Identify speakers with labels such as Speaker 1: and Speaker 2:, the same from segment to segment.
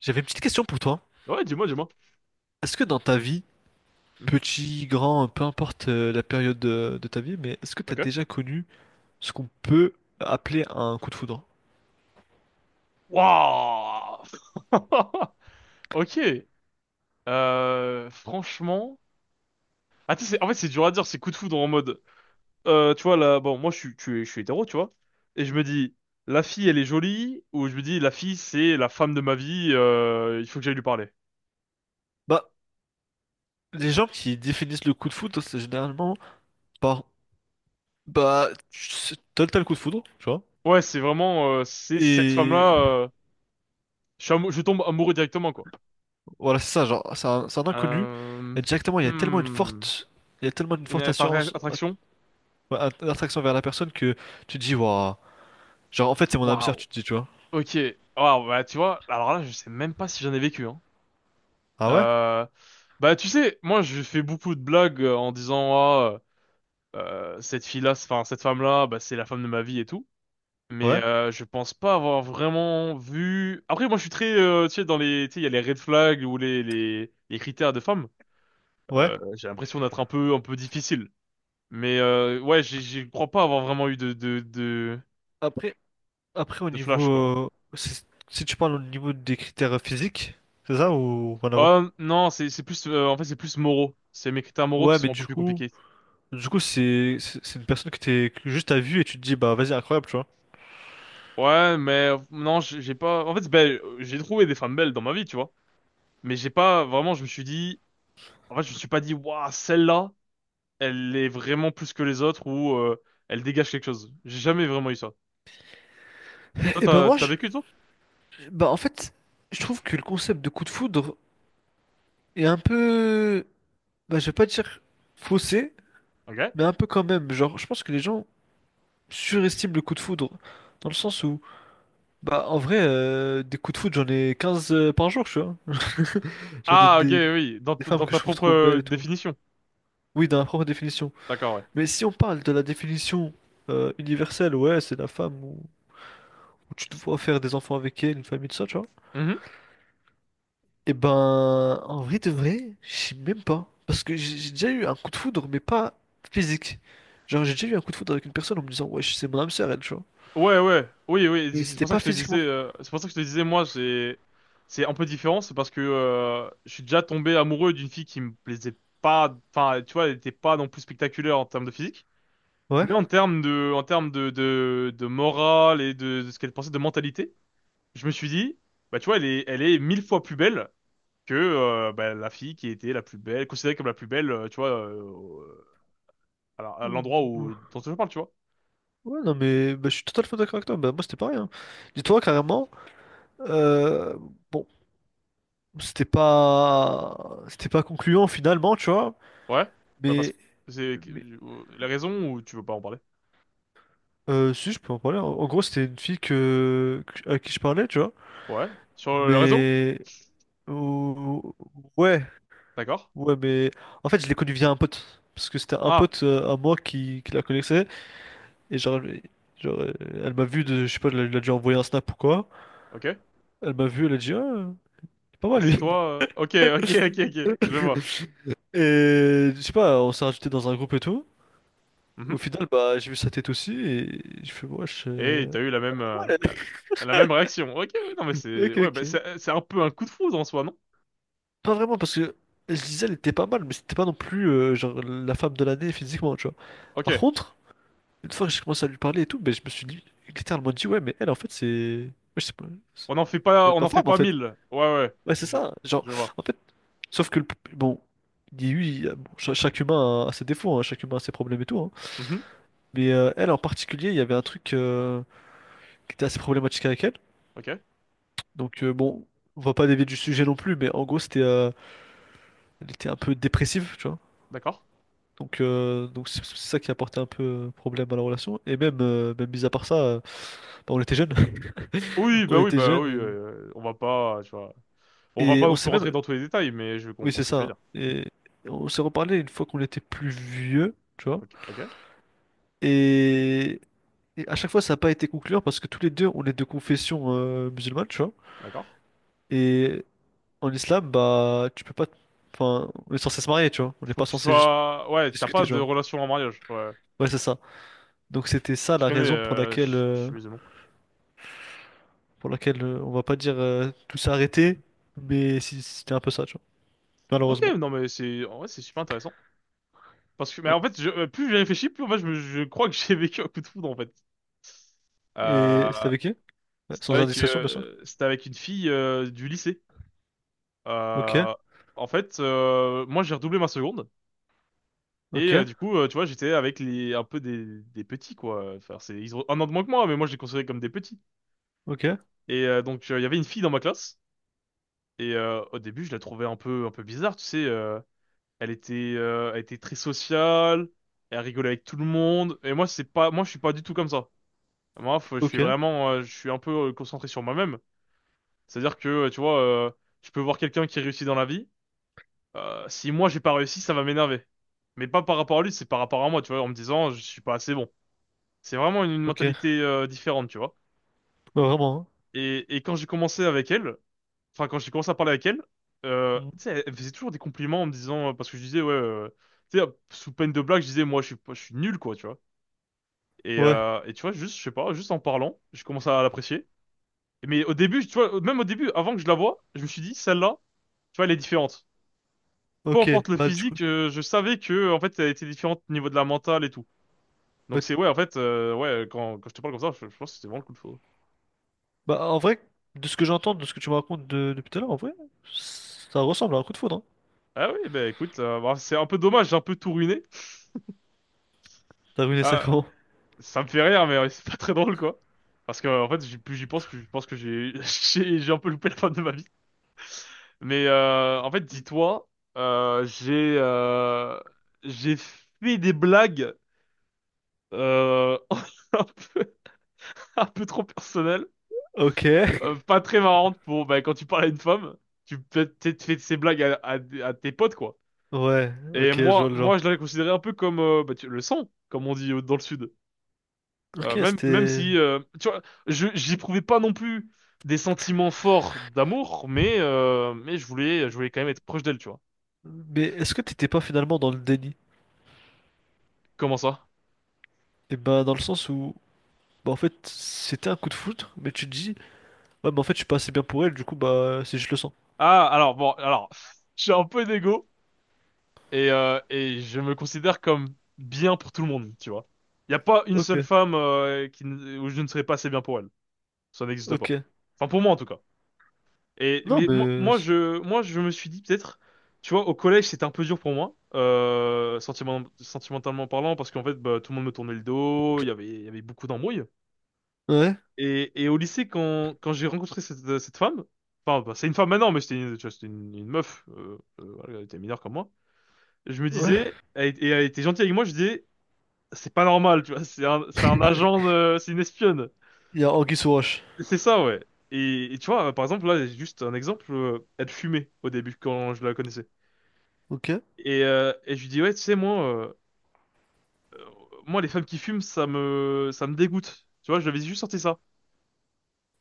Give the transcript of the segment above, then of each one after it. Speaker 1: J'avais une petite question pour toi.
Speaker 2: Ouais, dis-moi, dis-moi.
Speaker 1: Est-ce que dans ta vie,
Speaker 2: Mhm.
Speaker 1: petit, grand, peu importe la période de ta vie, mais est-ce que tu as
Speaker 2: Ok.
Speaker 1: déjà connu ce qu'on peut appeler un coup de foudre?
Speaker 2: Waouh! Ok. Franchement. Ah, tu sais, en fait, c'est dur à dire, c'est coup de foudre en mode. Tu vois, là, bon, moi, je suis hétéro, tu vois. Et je me dis, la fille, elle est jolie, ou je me dis, la fille, c'est la femme de ma vie, il faut que j'aille lui parler.
Speaker 1: Bah, les gens qui définissent le coup de foudre, c'est généralement par, t'as le coup de foudre, tu vois?
Speaker 2: Ouais, c'est vraiment, c'est cette
Speaker 1: Et
Speaker 2: femme-là, je tombe amoureux directement, quoi.
Speaker 1: voilà, c'est ça, genre, c'est un inconnu.
Speaker 2: Euh,
Speaker 1: Et directement,
Speaker 2: hmm.
Speaker 1: il y a tellement une
Speaker 2: Une
Speaker 1: forte
Speaker 2: attra-
Speaker 1: assurance,
Speaker 2: attraction?
Speaker 1: ouais, attraction vers la personne que tu te dis, waouh, genre, en fait, c'est mon âme sœur,
Speaker 2: Waouh!
Speaker 1: tu te dis, tu vois.
Speaker 2: Ok. Waouh, bah, tu vois, alors là, je sais même pas si j'en ai vécu, hein.
Speaker 1: Ah ouais?
Speaker 2: Euh, bah, tu sais, moi, je fais beaucoup de blagues en disant, ah, enfin, cette femme-là, bah, c'est la femme de ma vie et tout. Mais
Speaker 1: Ouais?
Speaker 2: je pense pas avoir vraiment vu. Après, moi, je suis très, tu sais, dans les, tu sais, il y a les red flags ou les critères de femme.
Speaker 1: Ouais?
Speaker 2: J'ai l'impression d'être un peu difficile. Mais ouais, je crois pas avoir vraiment eu
Speaker 1: Après, Après, au
Speaker 2: de flash quoi.
Speaker 1: niveau. Si si tu parles au niveau des critères physiques, c'est ça ou rien à voir?
Speaker 2: Non, c'est plus en fait c'est plus moraux. C'est mes critères moraux qui
Speaker 1: Ouais, mais
Speaker 2: sont un peu
Speaker 1: du
Speaker 2: plus
Speaker 1: coup.
Speaker 2: compliqués.
Speaker 1: Du coup, c'est une personne que t'es que juste à vue et tu te dis, bah vas-y, incroyable, tu vois.
Speaker 2: Ouais, mais non, j'ai pas. En fait, j'ai trouvé des femmes belles dans ma vie, tu vois. Mais j'ai pas vraiment. Je me suis dit. En fait, je me suis pas dit, waouh, celle-là, elle est vraiment plus que les autres ou elle dégage quelque chose. J'ai jamais vraiment eu ça. Toi,
Speaker 1: Et ben
Speaker 2: t'as vécu toi?
Speaker 1: bah en fait, je trouve que le concept de coup de foudre est un peu, bah je vais pas dire faussé,
Speaker 2: Ok.
Speaker 1: mais un peu quand même. Genre, je pense que les gens surestiment le coup de foudre, dans le sens où, bah en vrai, des coups de foudre, j'en ai 15 par jour, tu vois. Genre des,
Speaker 2: Ah, ok,
Speaker 1: des-
Speaker 2: oui.
Speaker 1: des femmes
Speaker 2: Dans
Speaker 1: que je
Speaker 2: ta
Speaker 1: trouve
Speaker 2: propre
Speaker 1: trop belles et tout.
Speaker 2: définition.
Speaker 1: Oui, dans la propre définition.
Speaker 2: D'accord, ouais.
Speaker 1: Mais si on parle de la définition universelle, ouais, c'est la femme où tu te vois faire des enfants avec elle, une famille, tout ça, tu vois. Et ben, en vrai de vrai, je sais même pas. Parce que j'ai déjà eu un coup de foudre, mais pas physique. Genre, j'ai déjà eu un coup de foudre avec une personne en me disant, ouais, c'est mon âme sœur, elle, tu vois.
Speaker 2: Ouais, ouais, oui, oui,
Speaker 1: Mais
Speaker 2: c'est
Speaker 1: c'était
Speaker 2: pour ça que
Speaker 1: pas
Speaker 2: je te disais,
Speaker 1: physiquement.
Speaker 2: c'est pour ça que je te disais, moi, j'ai, c'est un peu différent, c'est parce que je suis déjà tombé amoureux d'une fille qui me plaisait pas, enfin, tu vois, elle était pas non plus spectaculaire en termes de physique,
Speaker 1: Ouais.
Speaker 2: mais en termes de, de morale et de ce qu'elle pensait de mentalité, je me suis dit, bah, tu vois, elle est mille fois plus belle que bah, la fille qui était la plus belle, considérée comme la plus belle, à
Speaker 1: Ouh,
Speaker 2: l'endroit
Speaker 1: ouh.
Speaker 2: où dont je parle, tu vois.
Speaker 1: Ouais, non, mais bah, je suis totalement d'accord avec toi. Bah, moi, c'était pareil. Hein. Dis-toi, carrément, euh, bon, c'était pas... c'était pas concluant finalement, tu vois.
Speaker 2: Ouais, bah parce
Speaker 1: Mais.
Speaker 2: que c'est
Speaker 1: mais
Speaker 2: la raison ou tu veux pas en parler?
Speaker 1: Euh, si, je peux en parler. En gros, c'était une fille à qui je parlais, tu vois.
Speaker 2: Ouais, sur le réseau?
Speaker 1: Mais. ou- Ouais,
Speaker 2: D'accord.
Speaker 1: ouais, mais. En fait, je l'ai connue via un pote. Parce que c'était un
Speaker 2: Ah,
Speaker 1: pote à moi qui la connaissait. Et genre, genre euh, elle m'a vu, de, je sais pas, elle a dû envoyer un snap ou quoi.
Speaker 2: ok.
Speaker 1: Elle m'a vu, elle a dit, ah, il est pas
Speaker 2: Ah,
Speaker 1: mal
Speaker 2: c'est
Speaker 1: lui.
Speaker 2: toi. Ok, ok, ok, ok. Je vois.
Speaker 1: Et je sais pas, on s'est rajouté dans un groupe et tout.
Speaker 2: Mhm.
Speaker 1: Au final, bah, j'ai vu sa tête aussi. Et je fais, wesh.
Speaker 2: Et t'as eu la
Speaker 1: Pas
Speaker 2: même
Speaker 1: mal, elle.
Speaker 2: la même réaction. Ok, ouais, non mais c'est
Speaker 1: Ok,
Speaker 2: ouais, bah,
Speaker 1: ok.
Speaker 2: c'est un peu un coup de foudre en soi, non?
Speaker 1: Pas vraiment, parce que je disais elle était pas mal, mais c'était pas non plus genre la femme de l'année physiquement, tu vois.
Speaker 2: Ok.
Speaker 1: Par contre, une fois que j'ai commencé à lui parler et tout, ben, je me suis dit, littéralement dit, ouais, mais elle, en fait, c'est. Ouais, je sais pas. Ça doit être
Speaker 2: On
Speaker 1: ma
Speaker 2: en fait
Speaker 1: femme, en
Speaker 2: pas
Speaker 1: fait.
Speaker 2: mille. Ouais, ouais.
Speaker 1: Ouais, c'est
Speaker 2: Je
Speaker 1: ça. Genre,
Speaker 2: je vois.
Speaker 1: en fait, sauf que le. bon, il y a eu. Il y a- bon, chaque humain a ses défauts, hein, chaque humain a ses problèmes et tout. Hein.
Speaker 2: Mhm.
Speaker 1: Mais elle, en particulier, il y avait un truc qui était assez problématique avec elle.
Speaker 2: Ok,
Speaker 1: Donc, bon, on va pas dévier du sujet non plus, mais en gros, c'était. Elle était un peu dépressive, tu vois.
Speaker 2: d'accord.
Speaker 1: Donc c'est ça qui a porté un peu problème à la relation. Et même, mis à part ça, bah, on était jeunes.
Speaker 2: Oui,
Speaker 1: On
Speaker 2: bah oui,
Speaker 1: était
Speaker 2: bah oui.
Speaker 1: jeunes
Speaker 2: On va pas, tu vois, on va
Speaker 1: et
Speaker 2: pas
Speaker 1: on
Speaker 2: non plus
Speaker 1: s'est même.
Speaker 2: rentrer dans tous les détails, mais je
Speaker 1: Oui,
Speaker 2: comprends
Speaker 1: c'est
Speaker 2: ce que tu veux
Speaker 1: ça.
Speaker 2: dire.
Speaker 1: Et on s'est reparlé une fois qu'on était plus vieux, tu vois.
Speaker 2: Ok, ok,
Speaker 1: Et, et à chaque fois, ça n'a pas été concluant parce que tous les deux, on est de confession musulmane, tu vois.
Speaker 2: d'accord.
Speaker 1: Et en islam, bah, tu peux pas. Enfin, on est censé se marier, tu vois. On n'est
Speaker 2: Faut
Speaker 1: pas
Speaker 2: que tu
Speaker 1: censé juste
Speaker 2: sois... Ouais, t'as
Speaker 1: discuter,
Speaker 2: pas
Speaker 1: tu
Speaker 2: de
Speaker 1: vois.
Speaker 2: relation en mariage. Ouais.
Speaker 1: Ouais, c'est ça. Donc, c'était ça
Speaker 2: Je
Speaker 1: la
Speaker 2: connais,
Speaker 1: raison pour
Speaker 2: euh,
Speaker 1: laquelle.
Speaker 2: je je
Speaker 1: euh,
Speaker 2: suis musulman.
Speaker 1: pour laquelle on va pas dire tout s'est arrêté, mais si c'était un peu ça, tu vois.
Speaker 2: Ok,
Speaker 1: Malheureusement.
Speaker 2: non mais c'est... En vrai, c'est super intéressant. Parce que, mais
Speaker 1: Ouais.
Speaker 2: en fait, plus j'ai réfléchi, plus en fait, je crois que j'ai vécu un coup de foudre, en fait.
Speaker 1: Et c'était
Speaker 2: Euh,
Speaker 1: avec qui? Ouais, sans indiscrétion, bien sûr.
Speaker 2: c'était avec une fille du lycée.
Speaker 1: Ok,
Speaker 2: Euh, moi, j'ai redoublé ma seconde. Et
Speaker 1: ok,
Speaker 2: du coup, tu vois, j'étais avec les, un peu des petits, quoi. Enfin, c'est, ils ont un an de moins que moi, mais moi, je les considérais comme des petits.
Speaker 1: ok,
Speaker 2: Et donc, il y avait une fille dans ma classe. Et au début, je la trouvais un peu bizarre, tu sais. Elle était très sociale. Elle rigolait avec tout le monde. Moi, je suis pas du tout comme ça. Je suis
Speaker 1: ok,
Speaker 2: vraiment, je suis un peu concentré sur moi-même. C'est-à-dire que, je peux voir quelqu'un qui réussit dans la vie. Si moi, j'ai pas réussi, ça va m'énerver. Mais pas par rapport à lui, c'est par rapport à moi, tu vois, en me disant, je suis pas assez bon. C'est vraiment une
Speaker 1: ok.
Speaker 2: mentalité, différente, tu vois.
Speaker 1: Ouais, vraiment,
Speaker 2: Et quand j'ai commencé avec elle, enfin quand j'ai commencé à parler avec elle,
Speaker 1: hein.
Speaker 2: tu sais,
Speaker 1: Mhm.
Speaker 2: elle faisait toujours des compliments en me disant parce que je disais ouais, tu sais, sous peine de blague, je disais moi je suis pas- je suis nul quoi, tu vois.
Speaker 1: Ouais,
Speaker 2: Et tu vois juste je sais pas, juste en parlant, je commence à l'apprécier. Mais au début, tu vois, même au début, avant que je la voie, je me suis dit celle-là, tu vois, elle est différente. Peu
Speaker 1: ok.
Speaker 2: importe le
Speaker 1: Bah, du coup,
Speaker 2: physique, je savais que en fait elle était différente au niveau de la mentale et tout. Donc
Speaker 1: bah,
Speaker 2: c'est ouais en fait ouais quand je te parle comme ça, je pense que c'était vraiment le coup de foudre.
Speaker 1: bah, en vrai, de ce que j'entends, de ce que tu me racontes depuis tout à l'heure, en vrai, ça ressemble à un coup de foudre, hein.
Speaker 2: Ah oui, bah écoute, bah, c'est un peu dommage, j'ai un peu tout ruiné.
Speaker 1: T'as ruiné ça comment?
Speaker 2: Ça me fait rire, mais c'est pas très drôle, quoi. Parce que, en fait, plus j'y pense, plus je pense que j'ai j'ai un peu loupé la fin de ma vie. Mais en fait, dis-toi, euh, j'ai euh, j'ai fait des blagues euh, un peu, un peu trop personnelles,
Speaker 1: Ok.
Speaker 2: pas très marrantes pour bah, quand tu parles à une femme, tu peux peut-être fait ces blagues à tes potes, quoi.
Speaker 1: Ouais,
Speaker 2: Et
Speaker 1: ok, je vois le genre.
Speaker 2: je l'avais considéré un peu comme bah, le sang, comme on dit dans le sud.
Speaker 1: Ok,
Speaker 2: Même
Speaker 1: c'était...
Speaker 2: si, tu vois, j'éprouvais pas non plus des sentiments forts d'amour, mais je voulais quand même être proche d'elle, tu vois.
Speaker 1: Mais est-ce que t'étais pas finalement dans le déni?
Speaker 2: Comment ça?
Speaker 1: Eh ben, dans le sens où... Bah en fait, c'était un coup de foudre, mais tu te dis, ouais, mais en fait, je suis pas assez bien pour elle, du coup, bah, c'est juste le sang.
Speaker 2: Ah, alors, bon, alors, je suis un peu d'égo et je me considère comme bien pour tout le monde, tu vois. Il n'y a pas une
Speaker 1: Ok,
Speaker 2: seule femme qui, ne- où je ne serais pas assez bien pour elle. Ça n'existe
Speaker 1: ok.
Speaker 2: pas. Enfin, pour moi, en tout cas. Et
Speaker 1: Non,
Speaker 2: mais moi,
Speaker 1: mais.
Speaker 2: moi je moi je me suis dit peut-être tu vois au collège c'était un peu dur pour moi euh, sentimentalement parlant parce qu'en fait bah, tout le monde me tournait le dos il y avait beaucoup d'embrouilles
Speaker 1: Ouais,
Speaker 2: et au lycée quand j'ai rencontré cette femme enfin bah, c'est une femme maintenant mais c'était une, tu vois, c'était une meuf voilà, elle était mineure comme moi je me
Speaker 1: ouais.
Speaker 2: disais elle, et elle était gentille avec moi je disais c'est pas normal tu vois c'est un agent de- c'est une espionne
Speaker 1: Il y a anguille sous roche.
Speaker 2: c'est ça ouais et tu vois par exemple là j'ai juste un exemple elle fumait au début quand je la connaissais.
Speaker 1: Ok,
Speaker 2: Et je lui dis, ouais, tu sais, euh, moi, les femmes qui fument, ça me dégoûte. Tu vois, je lui avais juste sorti ça.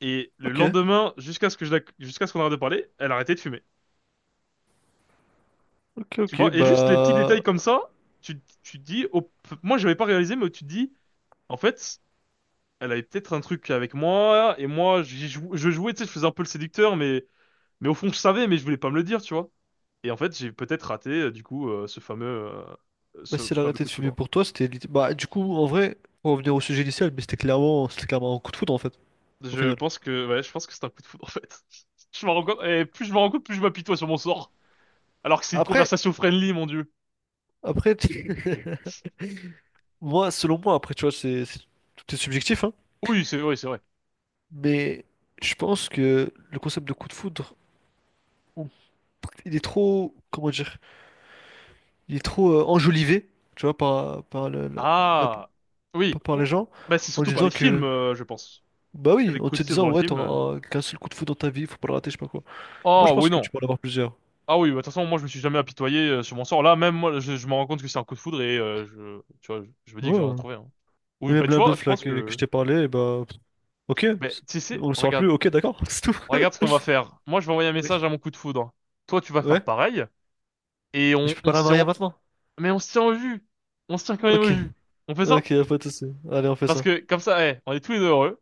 Speaker 2: Et le
Speaker 1: ok,
Speaker 2: lendemain, jusqu'à ce que je, la- jusqu'à ce qu'on arrête de parler, elle arrêtait de fumer.
Speaker 1: ok,
Speaker 2: Tu
Speaker 1: ok.
Speaker 2: vois, et juste les petits
Speaker 1: Bah.
Speaker 2: détails comme ça, tu te dis, oh, moi, j'avais pas réalisé, mais tu te dis, en fait, elle avait peut-être un truc avec moi, et moi, je jouais, tu sais, je faisais un peu le séducteur, mais au fond, je savais, mais je voulais pas me le dire, tu vois. Et en fait, j'ai peut-être raté, du coup,
Speaker 1: Bah,
Speaker 2: ce
Speaker 1: si elle a
Speaker 2: fameux
Speaker 1: arrêté
Speaker 2: coup
Speaker 1: de
Speaker 2: de
Speaker 1: fumer
Speaker 2: foudre.
Speaker 1: pour toi, bah, du coup, en vrai, pour revenir au sujet initial, mais c'était clairement un coup de foudre, en fait, au
Speaker 2: Je
Speaker 1: final.
Speaker 2: pense que, ouais, je pense que c'est un coup de foudre, en fait. Je me rends compte, et plus je me rends compte, plus je m'apitoie sur mon sort. Alors que c'est une
Speaker 1: Après,
Speaker 2: conversation friendly, mon Dieu.
Speaker 1: après, moi, selon moi, après, tu vois, tout est subjectif, hein.
Speaker 2: Oui, c'est vrai, c'est vrai.
Speaker 1: Mais je pense que le concept de coup de foudre, il est trop, comment dire, il est trop enjolivé, tu vois, par, par, le- la- la-
Speaker 2: Ah,
Speaker 1: par
Speaker 2: oui.
Speaker 1: par les
Speaker 2: Ou-
Speaker 1: gens,
Speaker 2: Bah, c'est
Speaker 1: en
Speaker 2: surtout par
Speaker 1: disant
Speaker 2: les films,
Speaker 1: que,
Speaker 2: je pense.
Speaker 1: bah
Speaker 2: C'est
Speaker 1: oui,
Speaker 2: les
Speaker 1: en
Speaker 2: coups
Speaker 1: te
Speaker 2: de tir dans
Speaker 1: disant,
Speaker 2: le
Speaker 1: ouais,
Speaker 2: film.
Speaker 1: t'auras qu'un seul coup de foudre dans ta vie, faut pas le rater, je sais pas quoi. Moi, je
Speaker 2: Oh, oui,
Speaker 1: pense que
Speaker 2: non.
Speaker 1: tu peux en avoir plusieurs.
Speaker 2: Ah oui, bah, de toute façon, moi, je me suis jamais apitoyé sur mon sort. Là, même moi, je me rends compte que c'est un coup de foudre et tu vois, je me dis que je vais
Speaker 1: Ouais.
Speaker 2: en trouver un.
Speaker 1: Et
Speaker 2: Oui, bah,
Speaker 1: même
Speaker 2: tu
Speaker 1: la
Speaker 2: vois, je
Speaker 1: meuf, là,
Speaker 2: pense
Speaker 1: que je
Speaker 2: que,
Speaker 1: t'ai parlé, bah, ok,
Speaker 2: bah, tu sais,
Speaker 1: on le saura
Speaker 2: regarde,
Speaker 1: plus, ok, d'accord, c'est tout.
Speaker 2: regarde ce qu'on va faire. Moi, je vais envoyer un
Speaker 1: Oui.
Speaker 2: message à mon coup de foudre. Toi, tu vas faire
Speaker 1: Ouais,
Speaker 2: pareil. Et
Speaker 1: mais je peux pas
Speaker 2: on
Speaker 1: la
Speaker 2: se
Speaker 1: marier
Speaker 2: tient,
Speaker 1: maintenant.
Speaker 2: mais on se tient au jus. On se tient quand même
Speaker 1: Ok,
Speaker 2: au jus. On fait ça?
Speaker 1: ok, y a pas de souci. Allez, on fait
Speaker 2: Parce
Speaker 1: ça.
Speaker 2: que comme ça, eh, on est tous les deux heureux.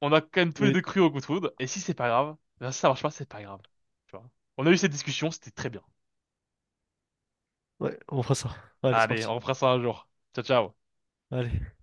Speaker 2: On a quand même tous les
Speaker 1: Oui,
Speaker 2: deux cru au coup de foudre. Et si c'est pas grave, ben, si ça marche pas, c'est pas grave. Tu vois. On a eu cette discussion, c'était très bien.
Speaker 1: ouais, on fera ça. Allez, c'est
Speaker 2: Allez,
Speaker 1: parti.
Speaker 2: on refera ça un jour. Ciao, ciao.
Speaker 1: Allez.